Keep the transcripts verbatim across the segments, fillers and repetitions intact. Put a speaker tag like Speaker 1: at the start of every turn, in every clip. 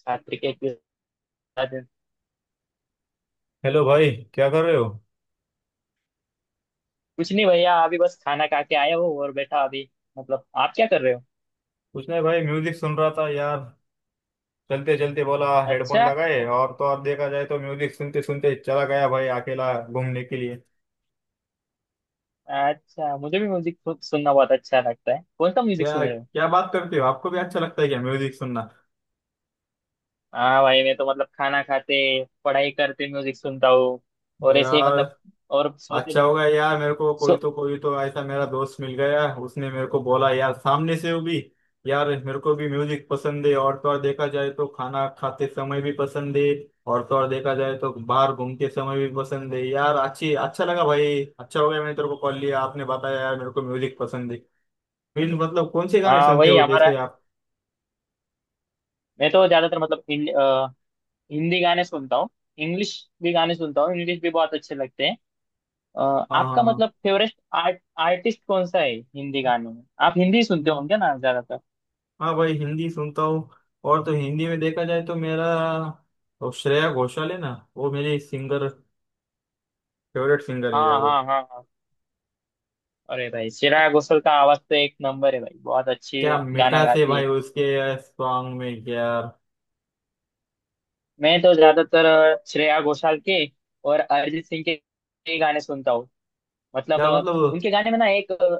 Speaker 1: साथ क्रिकेट भी साथ।
Speaker 2: हेलो भाई, क्या कर रहे हो।
Speaker 1: कुछ नहीं भैया, अभी बस खाना खा के आया हूँ और बैठा अभी। मतलब आप क्या कर रहे हो?
Speaker 2: कुछ नहीं भाई, म्यूजिक सुन रहा था यार। चलते चलते बोला हेडफोन
Speaker 1: अच्छा।
Speaker 2: लगाए और तो और देखा जाए तो म्यूजिक सुनते सुनते चला गया भाई, अकेला घूमने के लिए।
Speaker 1: अच्छा, मुझे भी म्यूजिक सुनना बहुत अच्छा लगता है। कौन सा म्यूजिक
Speaker 2: क्या
Speaker 1: सुन रहे हो?
Speaker 2: क्या बात करते हो, आपको भी अच्छा लगता है क्या म्यूजिक सुनना।
Speaker 1: हाँ भाई, मैं तो मतलब खाना खाते पढ़ाई करते म्यूजिक सुनता हूँ। और ऐसे ही
Speaker 2: यार
Speaker 1: मतलब और सोते
Speaker 2: अच्छा होगा यार, मेरे को कोई
Speaker 1: सो।
Speaker 2: तो कोई तो ऐसा मेरा दोस्त मिल गया, उसने मेरे को बोला यार सामने से वो भी यार, मेरे को भी म्यूजिक पसंद है। और तो और देखा जाए तो खाना खाते समय भी पसंद है, और तो और देखा जाए तो बाहर घूमते समय भी पसंद है यार। अच्छी अच्छा लगा भाई, अच्छा हो गया मैंने तेरे को कॉल लिया, आपने बताया यार मेरे को म्यूजिक पसंद है। फिर मतलब कौन से गाने
Speaker 1: हाँ
Speaker 2: सुनते
Speaker 1: वही
Speaker 2: हो
Speaker 1: हमारा।
Speaker 2: जैसे आप।
Speaker 1: मैं तो ज्यादातर मतलब हिं- अ, हिंदी गाने सुनता हूँ। इंग्लिश भी गाने सुनता हूँ, इंग्लिश भी बहुत अच्छे लगते हैं। अ,
Speaker 2: हाँ हाँ
Speaker 1: आपका
Speaker 2: हाँ।
Speaker 1: मतलब फेवरेट आर्ट आर्टिस्ट कौन सा है? हिंदी गानों में आप हिंदी सुनते
Speaker 2: हम्म,
Speaker 1: होंगे ना ज्यादातर।
Speaker 2: हाँ भाई हिंदी सुनता हूँ। और तो हिंदी में देखा जाए तो मेरा वो श्रेया घोषाल है ना, वो मेरी सिंगर फेवरेट सिंगर है
Speaker 1: हाँ
Speaker 2: यार वो।
Speaker 1: हाँ हाँ हाँ। अरे भाई, श्रेया घोषाल का आवाज तो एक नंबर है भाई, बहुत अच्छे
Speaker 2: क्या
Speaker 1: गाना
Speaker 2: मिठास है
Speaker 1: गाती
Speaker 2: भाई
Speaker 1: है।
Speaker 2: उसके सॉन्ग में यार।
Speaker 1: मैं तो ज्यादातर अ, श्रेया घोषाल के और अरिजीत सिंह के के गाने सुनता हूँ। मतलब
Speaker 2: क्या
Speaker 1: अ,
Speaker 2: मतलब।
Speaker 1: उनके गाने में ना एक अ,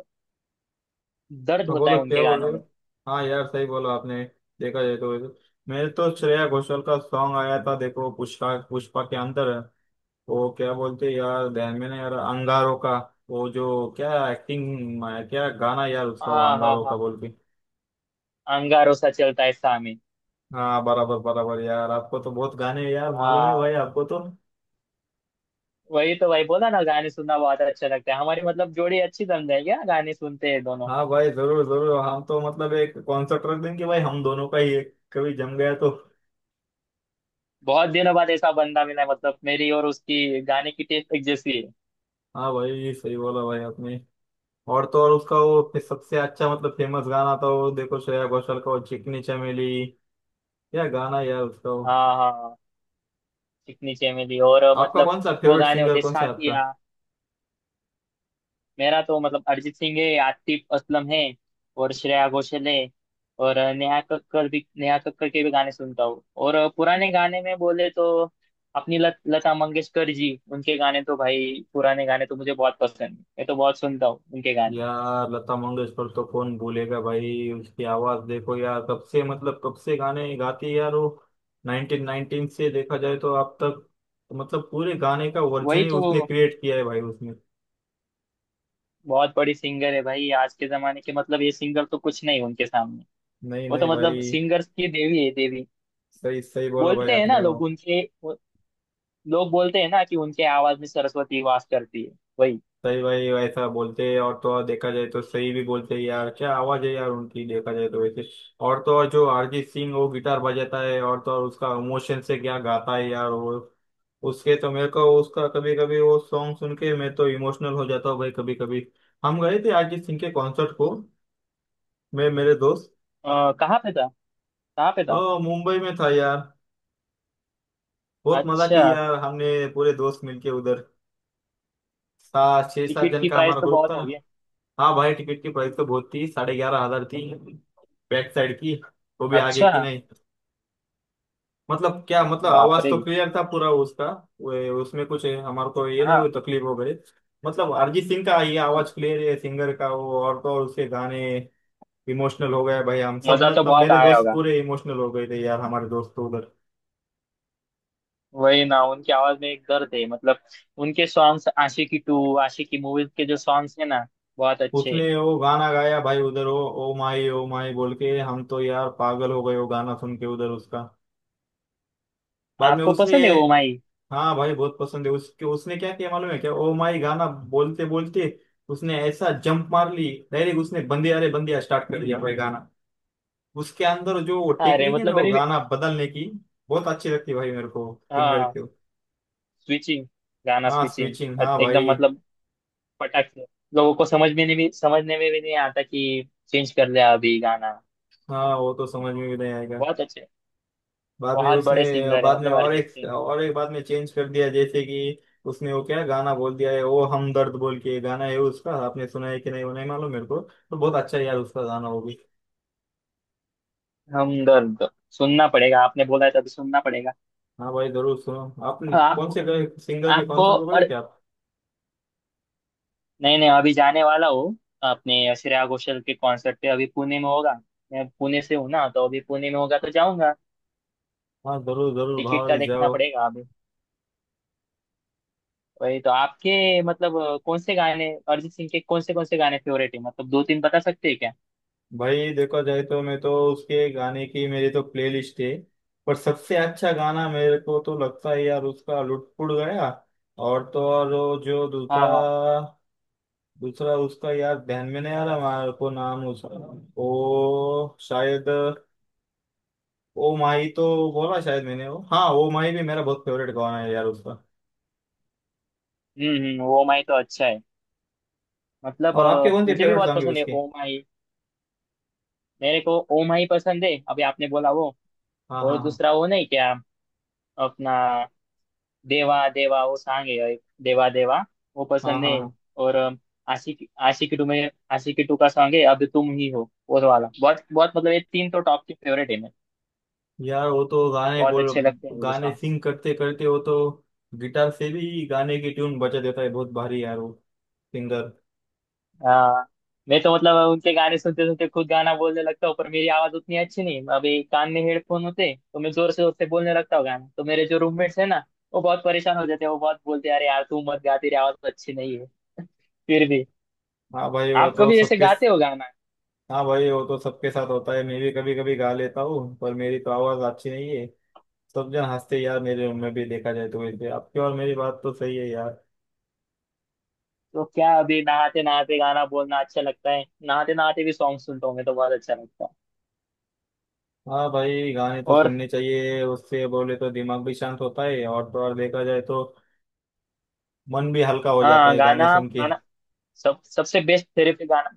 Speaker 1: दर्द
Speaker 2: हाँ
Speaker 1: होता
Speaker 2: बोलो,
Speaker 1: है
Speaker 2: क्या
Speaker 1: उनके
Speaker 2: बोल
Speaker 1: गानों
Speaker 2: रहे हो।
Speaker 1: में।
Speaker 2: हाँ यार, सही बोला आपने। देखा जाए तो वैसे मेरे तो श्रेया घोषाल का सॉन्ग आया था, देखो पुष्पा, पुष्पा के अंदर। वो क्या बोलते हैं यार, ध्यान में ना यार अंगारों का। वो जो क्या एक्टिंग, क्या गाना यार उसका वो
Speaker 1: हाँ हाँ
Speaker 2: अंगारों
Speaker 1: हाँ।
Speaker 2: का बोल के।
Speaker 1: अंगारों सा चलता है सामे।
Speaker 2: हाँ बराबर बराबर यार, आपको तो बहुत गाने यार मालूम है
Speaker 1: हाँ,
Speaker 2: भाई आपको तो।
Speaker 1: वही तो भाई बोला ना, गाने सुनना बहुत अच्छा लगता है। हमारी मतलब जोड़ी अच्छी जम जाएगी, हाँ, गाने सुनते हैं दोनों।
Speaker 2: हाँ भाई जरूर जरूर, हम तो मतलब एक कॉन्सेप्ट रख देंगे भाई, हम दोनों का ही एक कभी जम गया तो।
Speaker 1: बहुत दिनों बाद ऐसा बंदा मिला है, मतलब मेरी और उसकी गाने की टेस्ट एक जैसी है।
Speaker 2: हाँ भाई ये सही बोला भाई आपने। और तो और उसका वो फिर सबसे अच्छा मतलब फेमस गाना था वो, देखो श्रेया घोषाल का वो चिकनी चमेली। क्या गाना यार उसका वो।
Speaker 1: हाँ हाँ। चिकनी चमेली और अ,
Speaker 2: आपका
Speaker 1: मतलब
Speaker 2: कौन सा
Speaker 1: वो
Speaker 2: फेवरेट
Speaker 1: गाने
Speaker 2: सिंगर,
Speaker 1: होते हैं,
Speaker 2: कौन सा है आपका।
Speaker 1: साथिया। मेरा तो मतलब अरिजीत सिंह है, आतिफ असलम है और श्रेया घोषाल है। और अ, नेहा कक्कड़ भी, नेहा कक्कड़ के भी गाने सुनता हूँ। और अ, पुराने गाने में बोले तो अपनी लत, लता मंगेशकर जी, उनके गाने तो भाई, पुराने गाने तो मुझे बहुत पसंद है, मैं तो बहुत सुनता हूँ उनके गाने।
Speaker 2: यार लता मंगेशकर तो कौन भूलेगा भाई। उसकी आवाज देखो यार, कब से मतलब कब से गाने गाती है यार वो। नाइनटीन नाइनटीन से देखा जाए तो अब तक मतलब पूरे गाने का वर्जन
Speaker 1: वही
Speaker 2: ही
Speaker 1: तो,
Speaker 2: उसने क्रिएट किया है भाई उसने।
Speaker 1: बहुत बड़ी सिंगर है भाई। आज के जमाने के मतलब ये सिंगर तो कुछ नहीं उनके सामने।
Speaker 2: नहीं
Speaker 1: वो तो
Speaker 2: नहीं
Speaker 1: मतलब
Speaker 2: भाई।
Speaker 1: सिंगर्स की देवी है, देवी।
Speaker 2: सही सही बोला भाई
Speaker 1: बोलते हैं ना
Speaker 2: आपने वो।
Speaker 1: लोग उनके वो- लोग बोलते हैं ना कि उनके आवाज में सरस्वती वास करती है। वही।
Speaker 2: सही भाई ऐसा बोलते हैं, और तो और देखा जाए तो सही भी बोलते हैं यार, क्या आवाज है यार उनकी देखा जाए तो वैसे। और तो और जो अरिजीत सिंह, वो गिटार बजाता है और तो और उसका इमोशन से क्या गाता है यार वो। उसके तो मेरे को उसका कभी कभी वो सॉन्ग सुन के मैं तो इमोशनल हो जाता हूँ भाई कभी कभी। हम गए थे अरिजीत सिंह के कॉन्सर्ट को, मैं मेरे दोस्त।
Speaker 1: आ, कहाँ पे था? कहाँ पे
Speaker 2: अ,
Speaker 1: था?
Speaker 2: मुंबई में था यार। बहुत मजा की
Speaker 1: अच्छा।
Speaker 2: यार, हमने पूरे दोस्त मिलके उधर। सात छह सात
Speaker 1: टिकट
Speaker 2: जन
Speaker 1: की
Speaker 2: का
Speaker 1: प्राइस
Speaker 2: हमारा
Speaker 1: तो
Speaker 2: ग्रुप था।
Speaker 1: बहुत हो गया।
Speaker 2: हाँ भाई टिकट की प्राइस तो बहुत थी, साढ़े ग्यारह हजार थी, बैक साइड की, वो भी आगे
Speaker 1: अच्छा।
Speaker 2: की नहीं। मतलब क्या मतलब,
Speaker 1: बाप
Speaker 2: आवाज
Speaker 1: रे।
Speaker 2: तो क्लियर था पूरा उसका। वो- उसमें कुछ हमारे को ये नहीं हुई
Speaker 1: हाँ।
Speaker 2: तकलीफ हो गई। मतलब अरिजीत सिंह का ये आवाज क्लियर है सिंगर का वो, और तो और उसके गाने। इमोशनल हो गए भाई हम सब
Speaker 1: मजा तो
Speaker 2: मतलब,
Speaker 1: बहुत
Speaker 2: मेरे
Speaker 1: आया
Speaker 2: दोस्त
Speaker 1: होगा।
Speaker 2: पूरे इमोशनल हो गए थे यार, हमारे दोस्त तो उधर।
Speaker 1: वही ना, उनकी आवाज में एक दर्द है मतलब। उनके songs Aashiqui two, Aashiqui movies के जो सॉन्ग्स है ना, बहुत अच्छे
Speaker 2: उसने
Speaker 1: हैं।
Speaker 2: वो गाना गाया भाई उधर, वो ओ माई ओ माई बोल के, हम तो यार पागल हो गए वो गाना सुन के उधर उसका। बाद में
Speaker 1: आपको
Speaker 2: उसने।
Speaker 1: पसंद है ओ माई?
Speaker 2: हाँ भाई बहुत पसंद है उसके, उसने क्या किया मालूम है क्या, ओ माई गाना बोलते बोलते उसने ऐसा जंप मार ली डायरेक्ट, उसने बंदे, अरे बंदिया स्टार्ट कर दिया भाई गाना। उसके अंदर जो वो
Speaker 1: अरे
Speaker 2: टेक्निक है
Speaker 1: मतलब
Speaker 2: ना, वो
Speaker 1: मैंने।
Speaker 2: गाना बदलने की बहुत अच्छी लगती है भाई मेरे को सिंगर
Speaker 1: हाँ
Speaker 2: की।
Speaker 1: स्विचिंग, गाना
Speaker 2: हाँ
Speaker 1: स्विचिंग,
Speaker 2: स्विचिंग, हाँ
Speaker 1: एकदम
Speaker 2: भाई।
Speaker 1: मतलब फटाक से, लोगों को समझने में भी समझने में भी नहीं आता कि चेंज कर लिया अभी गाना।
Speaker 2: हाँ वो तो समझ में भी नहीं आएगा।
Speaker 1: बहुत अच्छे।
Speaker 2: बाद में
Speaker 1: बहुत
Speaker 2: उसने
Speaker 1: बड़े सिंगर है
Speaker 2: बाद में
Speaker 1: मतलब
Speaker 2: और
Speaker 1: अरिजीत
Speaker 2: एक
Speaker 1: सिंह।
Speaker 2: और एक बाद में चेंज कर दिया जैसे कि उसने वो क्या गाना बोल दिया है, वो हमदर्द बोल के गाना है उसका, आपने सुना है कि नहीं वो नहीं मालूम, मेरे को तो बहुत अच्छा है यार उसका गाना वो भी।
Speaker 1: हमदर्द सुनना पड़ेगा, आपने बोला है तो अभी सुनना पड़ेगा।
Speaker 2: हाँ भाई जरूर सुनो। आपने
Speaker 1: हाँ,
Speaker 2: कौन
Speaker 1: आपको,
Speaker 2: से गए सिंगर के
Speaker 1: आपको
Speaker 2: कॉन्सर्ट को गए
Speaker 1: और।
Speaker 2: क्या आप।
Speaker 1: नहीं नहीं, अभी जाने वाला हूँ अपने श्रेया घोषाल के कॉन्सर्ट पे। अभी पुणे में होगा, मैं पुणे से हूँ ना, तो अभी पुणे में होगा तो जाऊंगा।
Speaker 2: हाँ जरूर जरूर
Speaker 1: टिकट का
Speaker 2: भाई
Speaker 1: देखना
Speaker 2: जाओ।
Speaker 1: पड़ेगा। वही तो, आपके मतलब अ, कौन से गाने अरिजीत सिंह के कौन से कौन से गाने फेवरेट है, मतलब दो तीन बता सकते हैं क्या?
Speaker 2: भाई देखा जाए तो मैं तो उसके गाने की मेरी तो प्लेलिस्ट है। पर सबसे अच्छा गाना मेरे को तो लगता है यार उसका लुटपुट गया। और तो और वो जो
Speaker 1: हाँ
Speaker 2: दूसरा
Speaker 1: हाँ।
Speaker 2: दूसरा उसका यार ध्यान में नहीं आ रहा मेरे को नाम उसका। वो शायद ओ माही तो बोला शायद मैंने, वो हाँ ओ माही भी मेरा बहुत फेवरेट गाना है यार उसका।
Speaker 1: हम्म हम्म, ओ माई तो अच्छा है, मतलब
Speaker 2: और आपके
Speaker 1: अ,
Speaker 2: कौन से
Speaker 1: मुझे भी
Speaker 2: फेवरेट
Speaker 1: बहुत
Speaker 2: सॉन्ग है
Speaker 1: पसंद है
Speaker 2: उसके।
Speaker 1: ओ माई। मेरे को ओ माई पसंद है, अभी आपने बोला वो।
Speaker 2: हाँ
Speaker 1: और
Speaker 2: हाँ
Speaker 1: दूसरा वो नहीं क्या, अपना, देवा देवा वो सॉन्ग है एक, देवा देवा वो
Speaker 2: हाँ।
Speaker 1: पसंद
Speaker 2: हाँ
Speaker 1: है।
Speaker 2: हाँ।
Speaker 1: और अ, आशिकी, आशिकी टू में आशिकी टू का सॉन्ग है अब तुम ही हो, वो वाला बहुत, बहुत मतलब ये तीन तो टॉप के फेवरेट है मेरे,
Speaker 2: यार वो तो गाने
Speaker 1: बहुत
Speaker 2: बोल,
Speaker 1: अच्छे लगते हैं मुझे
Speaker 2: गाने
Speaker 1: सॉन्ग।
Speaker 2: सिंग करते करते वो तो गिटार से भी गाने की ट्यून बजा देता है बहुत भारी यार वो सिंगर।
Speaker 1: हाँ। मैं तो मतलब उनके गाने सुनते सुनते खुद गाना बोलने लगता हूँ, पर मेरी आवाज उतनी अच्छी नहीं। अभी कान में हेडफोन होते तो मैं जोर से जोर से बोलने लगता हूँ गाना, तो मेरे जो रूममेट्स है ना, वो बहुत परेशान हो जाते हैं। वो बहुत बोलते हैं, अरे यार, तू मत गा, तेरी आवाज तो अच्छी नहीं है। फिर भी
Speaker 2: हाँ भाई वो
Speaker 1: आप
Speaker 2: तो
Speaker 1: कभी ऐसे
Speaker 2: सबके।
Speaker 1: गाते हो गाना?
Speaker 2: हाँ भाई वो तो सबके साथ होता है, मैं भी कभी कभी गा लेता हूँ पर मेरी तो आवाज अच्छी नहीं है। सब जन हंसते हैं यार मेरे रूम में भी, देखा जाए तो वैसे आपकी और मेरी बात तो सही है यार।
Speaker 1: तो क्या, अभी नहाते नहाते गाना बोलना अच्छा लगता है, नहाते नहाते भी सॉन्ग सुनता हूँ मैं, तो बहुत अच्छा लगता है।
Speaker 2: हाँ भाई गाने तो
Speaker 1: और
Speaker 2: सुनने चाहिए, उससे बोले तो दिमाग भी शांत होता है और तो और देखा जाए तो मन भी हल्का हो जाता
Speaker 1: हाँ,
Speaker 2: है गाने
Speaker 1: गाना
Speaker 2: सुन के।
Speaker 1: गाना सब सबसे बेस्ट थेरेपी, गाना।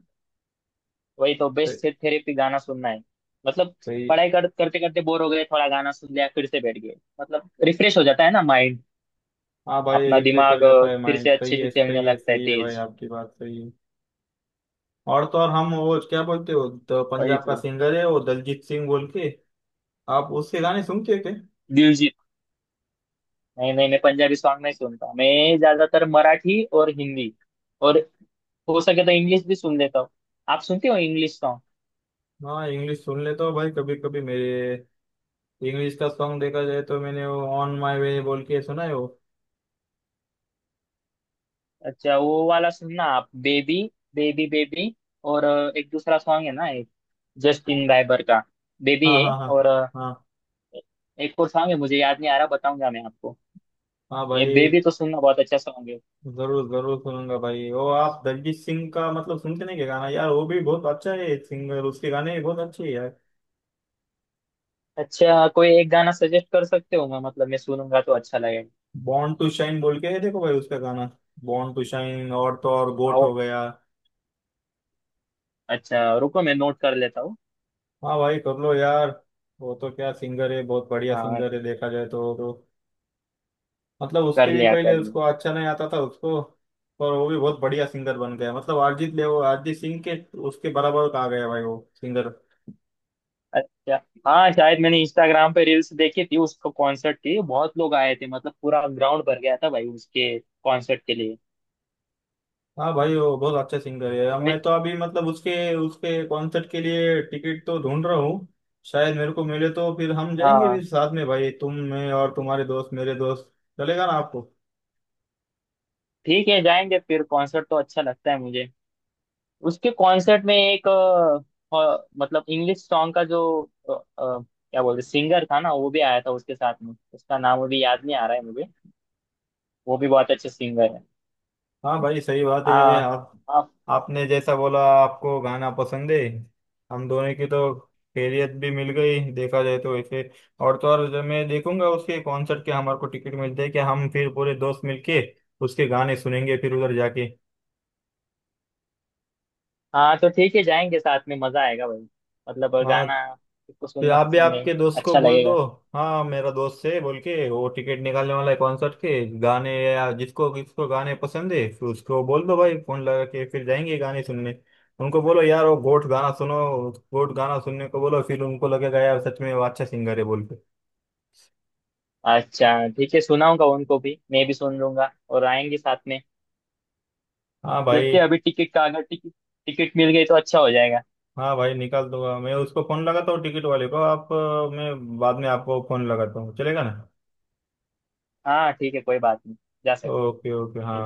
Speaker 1: वही तो, बेस्ट थेरेपी गाना सुनना है मतलब।
Speaker 2: सही।
Speaker 1: पढ़ाई कर, करते करते बोर हो गए, थोड़ा गाना सुन लिया, फिर से बैठ गए, मतलब रिफ्रेश हो जाता है ना माइंड।
Speaker 2: हाँ भाई
Speaker 1: अपना
Speaker 2: रिफ्रेश हो
Speaker 1: दिमाग अ,
Speaker 2: जाता है
Speaker 1: फिर
Speaker 2: माइंड,
Speaker 1: से
Speaker 2: सही
Speaker 1: अच्छे से
Speaker 2: है
Speaker 1: चलने
Speaker 2: सही है
Speaker 1: लगता है
Speaker 2: सही है भाई
Speaker 1: तेज।
Speaker 2: आपकी बात सही है। और तो और हम वो क्या बोलते हो, तो
Speaker 1: वही
Speaker 2: पंजाब का
Speaker 1: तो।
Speaker 2: सिंगर है वो दलजीत सिंह बोल के। आप उसके गाने सुनते हो क्या।
Speaker 1: दिलजीत? नहीं नहीं, मैं पंजाबी सॉन्ग नहीं सुनता। मैं ज्यादातर मराठी और हिंदी, और हो सके तो इंग्लिश भी सुन लेता हूँ। आप सुनते हो इंग्लिश सॉन्ग?
Speaker 2: हाँ इंग्लिश सुन लेता हूँ भाई कभी कभी मेरे। इंग्लिश का सॉन्ग देखा जाए तो मैंने वो ऑन माई वे बोल के सुना है वो।
Speaker 1: अच्छा, वो वाला सुनना आप, बेबी, बेबी, बेबी। और अ, एक दूसरा सॉन्ग है ना एक, जस्टिन बाइबर का बेबी
Speaker 2: हाँ
Speaker 1: है।
Speaker 2: हाँ हाँ।
Speaker 1: और
Speaker 2: हाँ
Speaker 1: एक और सॉन्ग है, मुझे याद नहीं आ रहा, बताऊंगा मैं आपको।
Speaker 2: हाँ
Speaker 1: ये
Speaker 2: भाई
Speaker 1: बेबी तो सुनना, बहुत अच्छा सॉन्ग है।
Speaker 2: जरूर जरूर सुनूंगा भाई वो। आप दलजीत सिंह का मतलब सुनते नहीं क्या, गाना यार वो भी बहुत अच्छा है सिंगर, उसके गाने भी बहुत अच्छे हैं यार।
Speaker 1: अच्छा, कोई एक गाना सजेस्ट कर सकते हो, मैं मतलब मैं सुनूंगा तो अच्छा लगेगा।
Speaker 2: बॉर्न टू शाइन बोल के है, देखो भाई उसका गाना, बॉर्न टू शाइन, और तो और गोट
Speaker 1: आओ,
Speaker 2: हो गया।
Speaker 1: अच्छा रुको, मैं नोट कर लेता हूँ।
Speaker 2: हाँ भाई कर लो यार। वो तो क्या सिंगर है, बहुत बढ़िया
Speaker 1: हाँ,
Speaker 2: सिंगर है देखा जाए तो, तो मतलब उसके
Speaker 1: कर
Speaker 2: भी
Speaker 1: लिया
Speaker 2: पहले
Speaker 1: कर लिया।
Speaker 2: उसको अच्छा नहीं आता था उसको, पर वो भी बहुत बढ़िया सिंगर बन गया मतलब, अरिजीत ले वो अरिजीत सिंह के उसके बराबर का आ गया भाई वो सिंगर।
Speaker 1: अच्छा। हाँ शायद, मैंने इंस्टाग्राम पे रील्स देखी थी उसको कॉन्सर्ट की, बहुत लोग आए थे, मतलब पूरा ग्राउंड भर गया था भाई उसके कॉन्सर्ट के लिए।
Speaker 2: हाँ भाई वो बहुत अच्छे सिंगर है।
Speaker 1: तो
Speaker 2: अब
Speaker 1: मैं-
Speaker 2: मैं तो अभी मतलब उसके, उसके कॉन्सर्ट के लिए टिकट तो ढूंढ रहा हूँ। शायद मेरे को मिले तो फिर हम जाएंगे भी
Speaker 1: हाँ
Speaker 2: साथ में भाई, तुम मैं और तुम्हारे दोस्त मेरे दोस्त, चलेगा ना आपको।
Speaker 1: ठीक है, जाएंगे फिर, कॉन्सर्ट तो अच्छा लगता है मुझे। उसके कॉन्सर्ट में एक अ, अ, मतलब इंग्लिश सॉन्ग का जो अ, अ, क्या बोलते, सिंगर था ना वो भी आया था उसके साथ में, उसका नाम अभी याद नहीं आ रहा है मुझे। वो भी बहुत अच्छे सिंगर है।
Speaker 2: हाँ भाई सही बात है
Speaker 1: हाँ।
Speaker 2: आप।
Speaker 1: हाँ,
Speaker 2: आपने जैसा बोला आपको गाना पसंद है, हम दोनों की तो खैरियत भी मिल गई देखा जाए तो वैसे। और तो और जब मैं देखूंगा उसके कॉन्सर्ट के हमारे को टिकट मिलते हैं कि हम, फिर पूरे दोस्त मिलके उसके गाने सुनेंगे फिर उधर जाके।
Speaker 1: हाँ, तो ठीक है जाएंगे साथ में, मजा आएगा भाई। मतलब
Speaker 2: हाँ।
Speaker 1: गाना किसको
Speaker 2: फिर
Speaker 1: सुनना
Speaker 2: आप भी
Speaker 1: पसंद है,
Speaker 2: आपके दोस्त को
Speaker 1: अच्छा
Speaker 2: बोल दो।
Speaker 1: लगेगा।
Speaker 2: हाँ मेरा दोस्त है बोल के, वो टिकट निकालने वाला है कॉन्सर्ट के, गाने या जिसको किसको गाने पसंद है फिर उसको बोल दो भाई फोन लगा के फिर जाएंगे गाने सुनने। उनको बोलो यार वो गोट गाना सुनो, गोट गाना सुनने को बोलो, फिर उनको लगेगा यार सच में वो अच्छा सिंगर है बोल के।
Speaker 1: अच्छा ठीक है, सुनाऊंगा उनको भी, मैं भी सुन लूंगा और आएंगे साथ में।
Speaker 2: हाँ
Speaker 1: देखते
Speaker 2: भाई।
Speaker 1: हैं अभी टिकट का, अगर टिकट टिकट मिल गई तो अच्छा हो जाएगा।
Speaker 2: हाँ भाई निकाल दूंगा, मैं उसको फोन लगाता हूँ टिकट वाले को, आप अ, मैं बाद में आपको फोन लगाता हूँ, चलेगा ना।
Speaker 1: हाँ ठीक है, कोई बात नहीं, जा सकते।
Speaker 2: ओके ओके हाँ।